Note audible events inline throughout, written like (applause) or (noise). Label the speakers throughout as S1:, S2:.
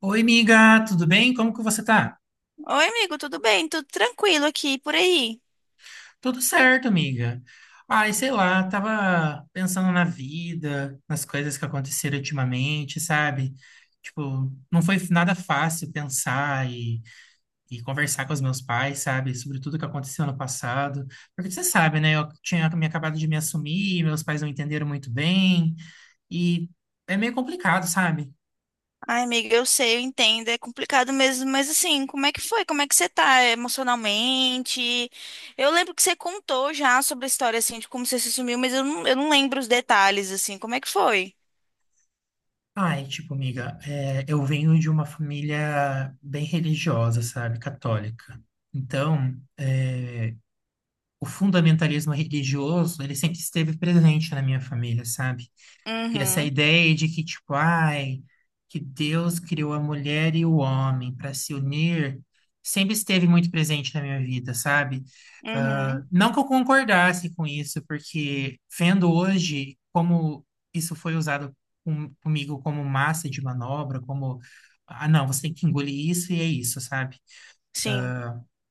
S1: Oi, amiga, tudo bem? Como que você tá?
S2: Oi, amigo, tudo bem? Tudo tranquilo aqui por aí?
S1: Tudo certo, amiga. Ai, sei lá, tava pensando na vida, nas coisas que aconteceram ultimamente, sabe? Tipo, não foi nada fácil pensar e conversar com os meus pais, sabe? Sobre tudo que aconteceu no passado. Porque você sabe, né? Eu tinha me acabado de me assumir, meus pais não entenderam muito bem, e é meio complicado, sabe?
S2: Ai, amiga, eu sei, eu entendo, é complicado mesmo, mas assim, como é que foi? Como é que você tá emocionalmente? Eu lembro que você contou já sobre a história, assim, de como você se sumiu, mas eu não lembro os detalhes, assim, como é que foi?
S1: Ai, tipo, amiga, eu venho de uma família bem religiosa, sabe, católica. Então, o fundamentalismo religioso, ele sempre esteve presente na minha família, sabe? E essa
S2: Uhum,
S1: ideia de que, tipo, ai, que Deus criou a mulher e o homem para se unir, sempre esteve muito presente na minha vida, sabe? Ah,
S2: uhum,
S1: não que eu concordasse com isso, porque vendo hoje como isso foi usado comigo como massa de manobra, como, ah, não, você tem que engolir isso e é isso, sabe?
S2: sim,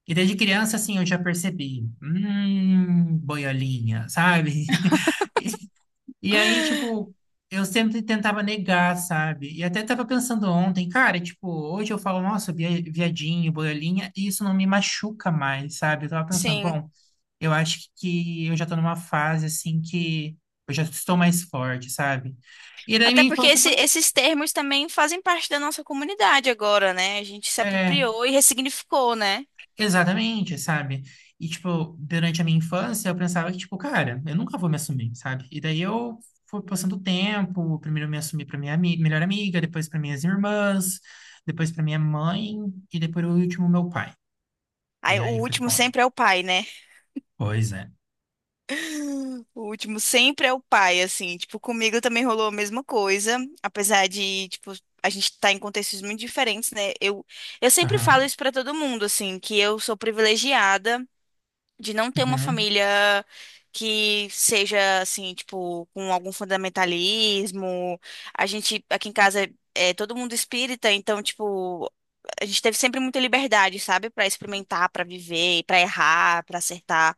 S1: E desde criança, assim, eu já percebi, boiolinha, sabe? (laughs) E aí, tipo,
S2: (gasps)
S1: eu sempre tentava negar, sabe? E até tava pensando ontem, cara, tipo, hoje eu falo, nossa, viadinho, boiolinha, e isso não me machuca mais, sabe? Eu tava pensando,
S2: sim.
S1: bom, eu acho que eu já tô numa fase, assim, que eu já estou mais forte, sabe? E daí
S2: Até
S1: minha
S2: porque
S1: infância foi.
S2: esses termos também fazem parte da nossa comunidade agora, né? A gente se
S1: é,
S2: apropriou e ressignificou, né?
S1: Exatamente, sabe? E, tipo, durante a minha infância, eu pensava que, tipo, cara, eu nunca vou me assumir, sabe? E daí eu fui passando o tempo, primeiro eu me assumi pra minha melhor amiga, depois pra minhas irmãs, depois pra minha mãe, e depois o último, meu pai. E
S2: Aí, o
S1: aí foi
S2: último
S1: foda.
S2: sempre é o pai, né?
S1: Pois é.
S2: O último sempre é o pai, assim, tipo, comigo também rolou a mesma coisa, apesar de, tipo, a gente tá em contextos muito diferentes, né? Eu sempre falo
S1: Aham.
S2: isso pra todo mundo, assim, que eu sou privilegiada de não ter uma
S1: Uhum.
S2: família que seja, assim, tipo, com algum fundamentalismo. A gente, aqui em casa, é todo mundo espírita, então, tipo, a gente teve sempre muita liberdade, sabe? Pra experimentar, pra viver, pra errar, pra acertar.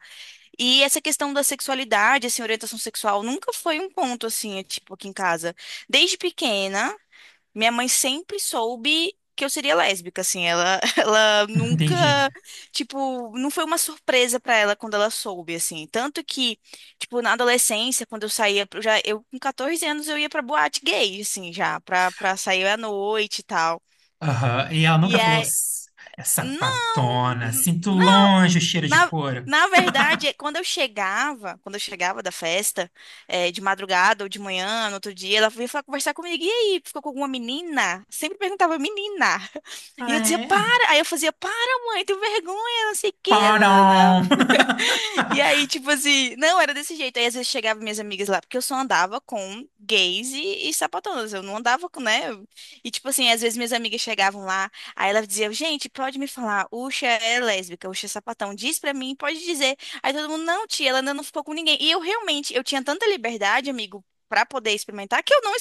S2: E essa questão da sexualidade, assim, orientação sexual, nunca foi um ponto, assim, é, tipo, aqui em casa. Desde pequena, minha mãe sempre soube que eu seria lésbica, assim, ela, (laughs) ela
S1: (laughs)
S2: nunca,
S1: Entendi.
S2: tipo, não foi uma surpresa pra ela quando ela soube, assim. Tanto que, tipo, na adolescência, quando eu saía, eu com 14 anos, eu ia pra boate gay, assim, já, pra sair à noite e tal.
S1: Aham. E ela
S2: E
S1: nunca falou,
S2: aí,
S1: É
S2: não,
S1: sapatona, sinto longe o cheiro de
S2: na,
S1: couro."
S2: na verdade, é quando eu chegava da festa, de madrugada ou de manhã, no outro dia, ela vinha conversar comigo. E aí, ficou com alguma menina? Sempre perguntava, menina. (laughs) E
S1: Ah,
S2: eu dizia,
S1: é?
S2: para. Aí eu fazia, para, mãe, tenho vergonha, não sei o quê.
S1: Parão!
S2: E
S1: (laughs)
S2: aí, tipo assim, não, era desse jeito. Aí às vezes chegava minhas amigas lá, porque eu só andava com gays e sapatonas. Eu não andava com, né? E tipo assim, às vezes minhas amigas chegavam lá, aí ela dizia, gente, pode me falar, Uxa é lésbica, Uxa é sapatão, diz pra mim, pode dizer. Aí todo mundo, não, tia, ela ainda não ficou com ninguém. E eu realmente, eu tinha tanta liberdade, amigo, pra poder experimentar, que eu não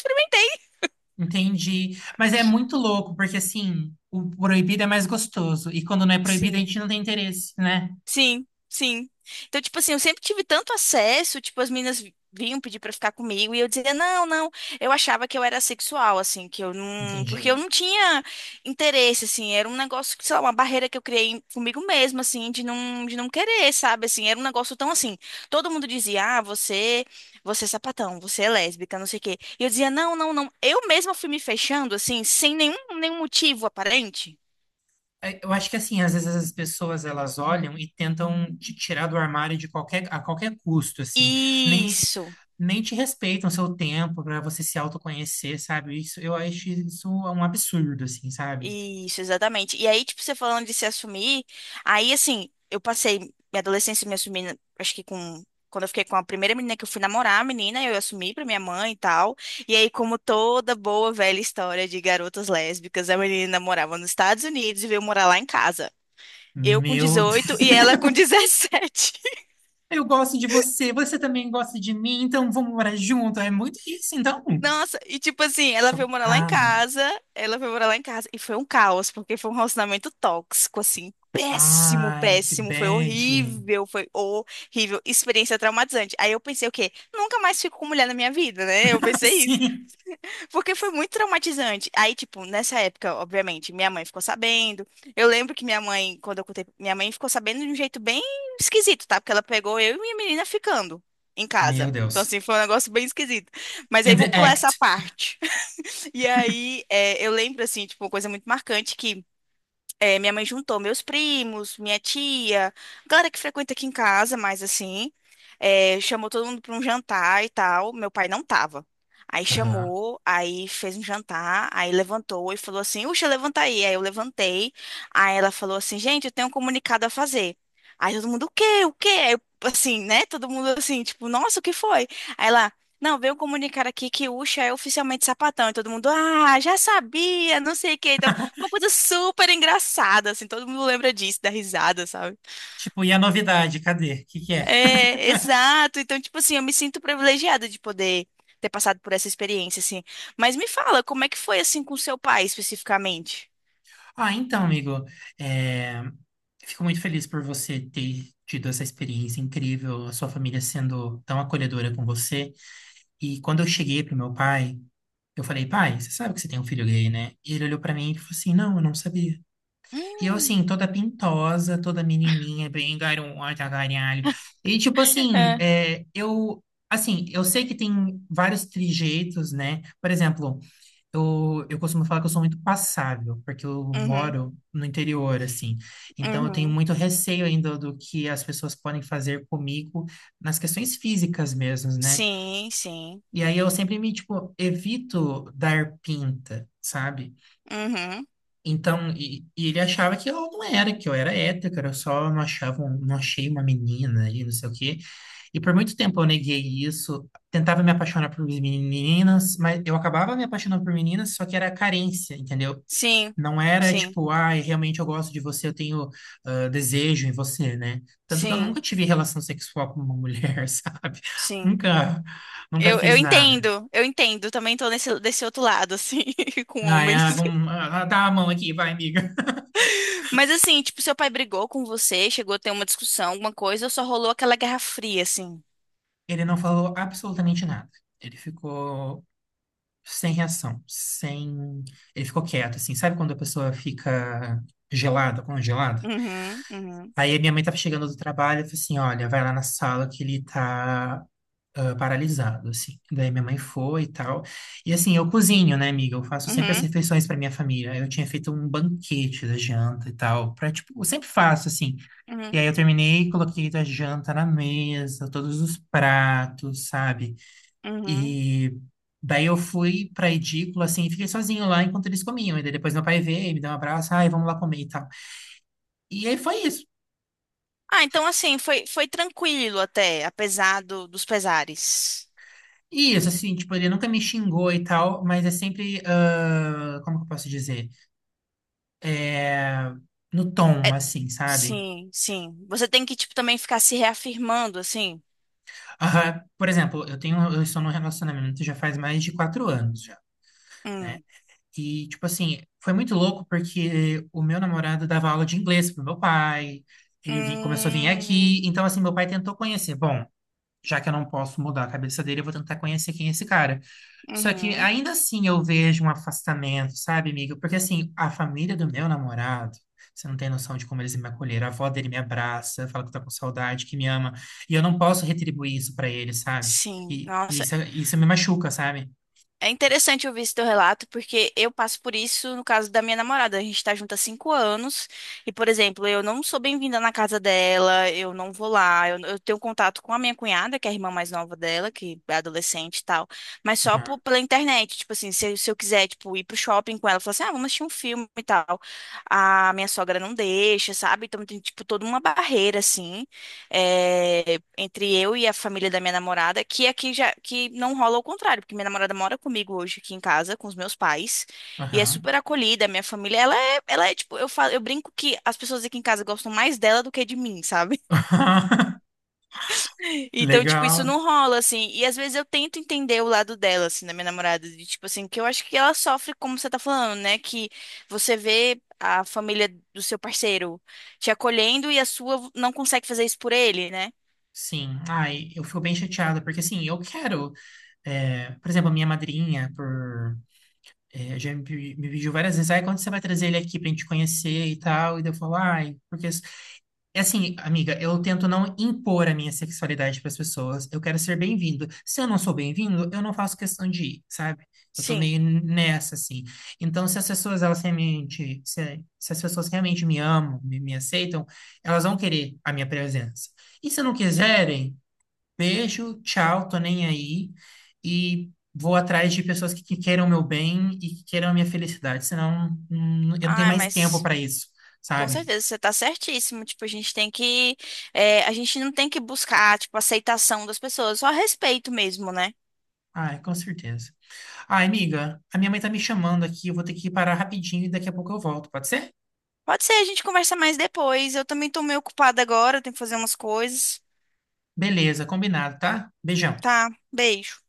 S1: Entendi. Mas é muito louco, porque assim, o proibido é mais gostoso. E quando não é proibido, a
S2: experimentei.
S1: gente não tem interesse, né?
S2: Sim, sim. Então, tipo assim, eu sempre tive tanto acesso, tipo, as meninas vinham pedir pra ficar comigo e eu dizia, não, não. Eu achava que eu era sexual, assim, que eu não. Porque eu
S1: Entendi.
S2: não tinha interesse, assim. Era um negócio, que, sei lá, uma barreira que eu criei comigo mesma, assim, de não querer, sabe? Assim, era um negócio tão assim. Todo mundo dizia, ah, você é sapatão, você é lésbica, não sei o quê. E eu dizia, não, não, não. Eu mesma fui me fechando, assim, sem nenhum motivo aparente.
S1: É, eu acho que assim, às vezes as pessoas elas olham e tentam te tirar do armário de qualquer, a qualquer custo, assim. Nem,
S2: Isso.
S1: nem te respeitam o seu tempo para você se autoconhecer, sabe? Isso, eu acho isso um absurdo, assim, sabe?
S2: Isso, exatamente. E aí, tipo, você falando de se assumir, aí, assim, eu passei minha adolescência me assumindo, acho que com. Quando eu fiquei com a primeira menina que eu fui namorar, a menina, eu assumi pra minha mãe e tal. E aí, como toda boa velha história de garotas lésbicas, a menina morava nos Estados Unidos e veio morar lá em casa. Eu com
S1: Meu Deus.
S2: 18 e ela
S1: (laughs)
S2: com (laughs) 17.
S1: Eu gosto de você, você também gosta de mim, então vamos morar junto. É muito isso, então.
S2: Nossa, e tipo assim, ela veio morar lá em
S1: Chocado.
S2: casa, ela veio morar lá em casa, e foi um caos, porque foi um relacionamento tóxico, assim, péssimo,
S1: Ai, que
S2: péssimo,
S1: bad.
S2: foi horrível, experiência traumatizante. Aí eu pensei o quê? Nunca mais fico com mulher na minha vida, né? Eu
S1: (laughs)
S2: pensei isso.
S1: Sim.
S2: Porque foi muito traumatizante. Aí, tipo, nessa época, obviamente, minha mãe ficou sabendo. Eu lembro que minha mãe, quando eu contei, minha mãe ficou sabendo de um jeito bem esquisito, tá? Porque ela pegou eu e minha menina ficando em
S1: Meu
S2: casa. Então,
S1: Deus.
S2: assim, foi um negócio bem esquisito. Mas aí
S1: In
S2: vou
S1: the
S2: pular essa
S1: act.
S2: parte. (laughs) E aí, eu lembro, assim, tipo, uma coisa muito marcante que é, minha mãe juntou meus primos, minha tia, galera que frequenta aqui em casa, mas assim, chamou todo mundo para um jantar e tal. Meu pai não tava. Aí
S1: Aham.
S2: chamou, aí fez um jantar, aí levantou e falou assim: Uxa, levanta aí. Aí eu levantei. Aí ela falou assim: Gente, eu tenho um comunicado a fazer. Aí todo mundo: O quê? O quê? Aí, eu, assim, né? Todo mundo assim, tipo, nossa, o que foi? Aí ela. Não, veio um comunicar aqui que Uxa é oficialmente sapatão. E todo mundo, ah, já sabia, não sei o que. Uma coisa super engraçada, assim, todo mundo lembra disso, da risada, sabe?
S1: Tipo, e a novidade? Cadê? O que que é?
S2: É, exato. Então, tipo assim, eu me sinto privilegiada de poder ter passado por essa experiência, assim. Mas me fala, como é que foi, assim, com seu pai, especificamente?
S1: Ah, então, amigo, é, fico muito feliz por você ter tido essa experiência incrível, a sua família sendo tão acolhedora com você. E quando eu cheguei pro meu pai, eu falei, pai, você sabe que você tem um filho gay, né? E ele olhou pra mim e falou assim, não, eu não sabia. E eu,
S2: Hum,
S1: assim, toda pintosa, toda menininha, bem garota, garalho. E, tipo assim,
S2: é.
S1: eu... Assim, eu sei que tem vários trejeitos, né? Por exemplo, eu costumo falar que eu sou muito passável, porque eu
S2: Uhum,
S1: moro no interior, assim. Então, eu tenho
S2: uhum.
S1: muito receio ainda do que as pessoas podem fazer comigo nas questões físicas mesmo, né?
S2: Sim, sim.
S1: E aí, eu sempre me, tipo, evito dar pinta, sabe?
S2: Uhum.
S1: Então, e ele achava que eu não era, que eu era hétero, que eu só não achava, não achei uma menina e não sei o quê. E por muito tempo eu neguei isso, tentava me apaixonar por meninas, mas eu acabava me apaixonando por meninas, só que era carência, entendeu?
S2: Sim,
S1: Não era
S2: sim,
S1: tipo, ai, realmente eu gosto de você, eu tenho desejo em você, né? Tanto que eu nunca
S2: sim,
S1: tive relação sexual com uma mulher, (laughs) sabe?
S2: sim.
S1: Nunca, nunca
S2: Eu
S1: fiz nada.
S2: entendo, eu entendo. Também tô nesse, desse outro lado, assim, (laughs) com
S1: Ai,
S2: homens.
S1: ah, vamos, dá a mão aqui, vai, amiga.
S2: Mas assim, tipo, seu pai brigou com você, chegou a ter uma discussão, alguma coisa, ou só rolou aquela guerra fria, assim?
S1: Ele não falou absolutamente nada. Ele ficou sem reação, sem. Ele ficou quieto, assim. Sabe quando a pessoa fica gelada, congelada?
S2: Uhum, uhum,
S1: Aí a minha mãe tava chegando do trabalho e falou assim: olha, vai lá na sala que ele tá. Paralisado, assim. Daí minha mãe foi e tal. E assim, eu cozinho, né, amiga? Eu faço sempre as
S2: uhum,
S1: refeições para minha família. Eu tinha feito um banquete da janta e tal, para tipo, eu sempre faço assim. E
S2: uhum,
S1: aí eu terminei, coloquei a janta na mesa, todos os pratos, sabe?
S2: uhum.
S1: E daí eu fui pra edícula, assim, e fiquei sozinho lá enquanto eles comiam. E daí depois meu pai veio, me deu um abraço, ai, vamos lá comer e tal. E aí foi isso.
S2: Ah, então assim, foi tranquilo até, apesar dos pesares.
S1: E isso, assim, tipo, ele nunca me xingou e tal, mas é sempre, ah, como que eu posso dizer? É, no tom,
S2: É,
S1: assim, sabe?
S2: sim, sim. Você tem que, tipo, também ficar se reafirmando, assim.
S1: Aham. Por exemplo, eu estou num relacionamento já faz mais de 4 anos já, né?
S2: Hum,
S1: E, tipo assim, foi muito louco porque o meu namorado dava aula de inglês pro meu pai, ele começou a vir aqui,
S2: hum,
S1: então, assim, meu pai tentou conhecer. Bom, já que eu não posso mudar a cabeça dele, eu vou tentar conhecer quem é esse cara. Só que
S2: uhum.
S1: ainda assim eu vejo um afastamento, sabe, amigo? Porque assim, a família do meu namorado, você não tem noção de como eles me acolheram. A avó dele me abraça, fala que tá com saudade, que me ama. E eu não posso retribuir isso pra ele, sabe?
S2: Sim,
S1: E
S2: nossa,
S1: isso, isso me machuca, sabe?
S2: é interessante ouvir esse teu relato, porque eu passo por isso no caso da minha namorada. A gente tá junto há 5 anos e, por exemplo, eu não sou bem-vinda na casa dela, eu não vou lá, eu tenho contato com a minha cunhada, que é a irmã mais nova dela, que é adolescente e tal, mas só
S1: Aham,
S2: pela internet. Tipo assim, se eu quiser, tipo, ir pro shopping com ela, falar assim, ah, vamos assistir um filme e tal. A minha sogra não deixa, sabe? Então tem, tipo, toda uma barreira, assim é, entre eu e a família da minha namorada, que aqui já que não rola o contrário, porque minha namorada mora comigo hoje aqui em casa com os meus pais e é
S1: aham.
S2: super acolhida. Minha família, ela é tipo, eu falo, eu brinco que as pessoas aqui em casa gostam mais dela do que de mim, sabe? (laughs)
S1: (laughs)
S2: Então, tipo, isso
S1: Legal.
S2: não rola assim. E às vezes eu tento entender o lado dela, assim, da minha namorada, de tipo assim, que eu acho que ela sofre como você tá falando, né? Que você vê a família do seu parceiro te acolhendo e a sua não consegue fazer isso por ele, né?
S1: Sim. Ai, eu fico bem chateada, porque assim, eu quero. Por exemplo, a minha madrinha, por já me, me pediu várias vezes, aí quando você vai trazer ele aqui pra gente conhecer e tal, e daí eu falo, ai, porque... É assim, amiga, eu tento não impor a minha sexualidade pras pessoas, eu quero ser bem-vindo. Se eu não sou bem-vindo, eu não faço questão de ir, sabe? Eu tô
S2: Sim,
S1: meio nessa, assim. Então, se as pessoas, elas realmente, se as pessoas realmente me amam, me aceitam, elas vão querer a minha presença. E se não
S2: sim.
S1: quiserem, beijo, tchau, tô nem aí. E vou atrás de pessoas que queiram o meu bem e que queiram a minha felicidade, senão eu não tenho
S2: Ai,
S1: mais tempo
S2: mas
S1: para isso,
S2: com
S1: sabe?
S2: certeza você tá certíssimo. Tipo, a gente tem que. A gente não tem que buscar, tipo, aceitação das pessoas, só respeito mesmo, né?
S1: Ai, com certeza. Ai, amiga, a minha mãe tá me chamando aqui, eu vou ter que parar rapidinho e daqui a pouco eu volto, pode ser?
S2: Pode ser, a gente conversa mais depois. Eu também tô meio ocupada agora, tenho que fazer umas coisas.
S1: Beleza, combinado, tá? Beijão.
S2: Tá, beijo.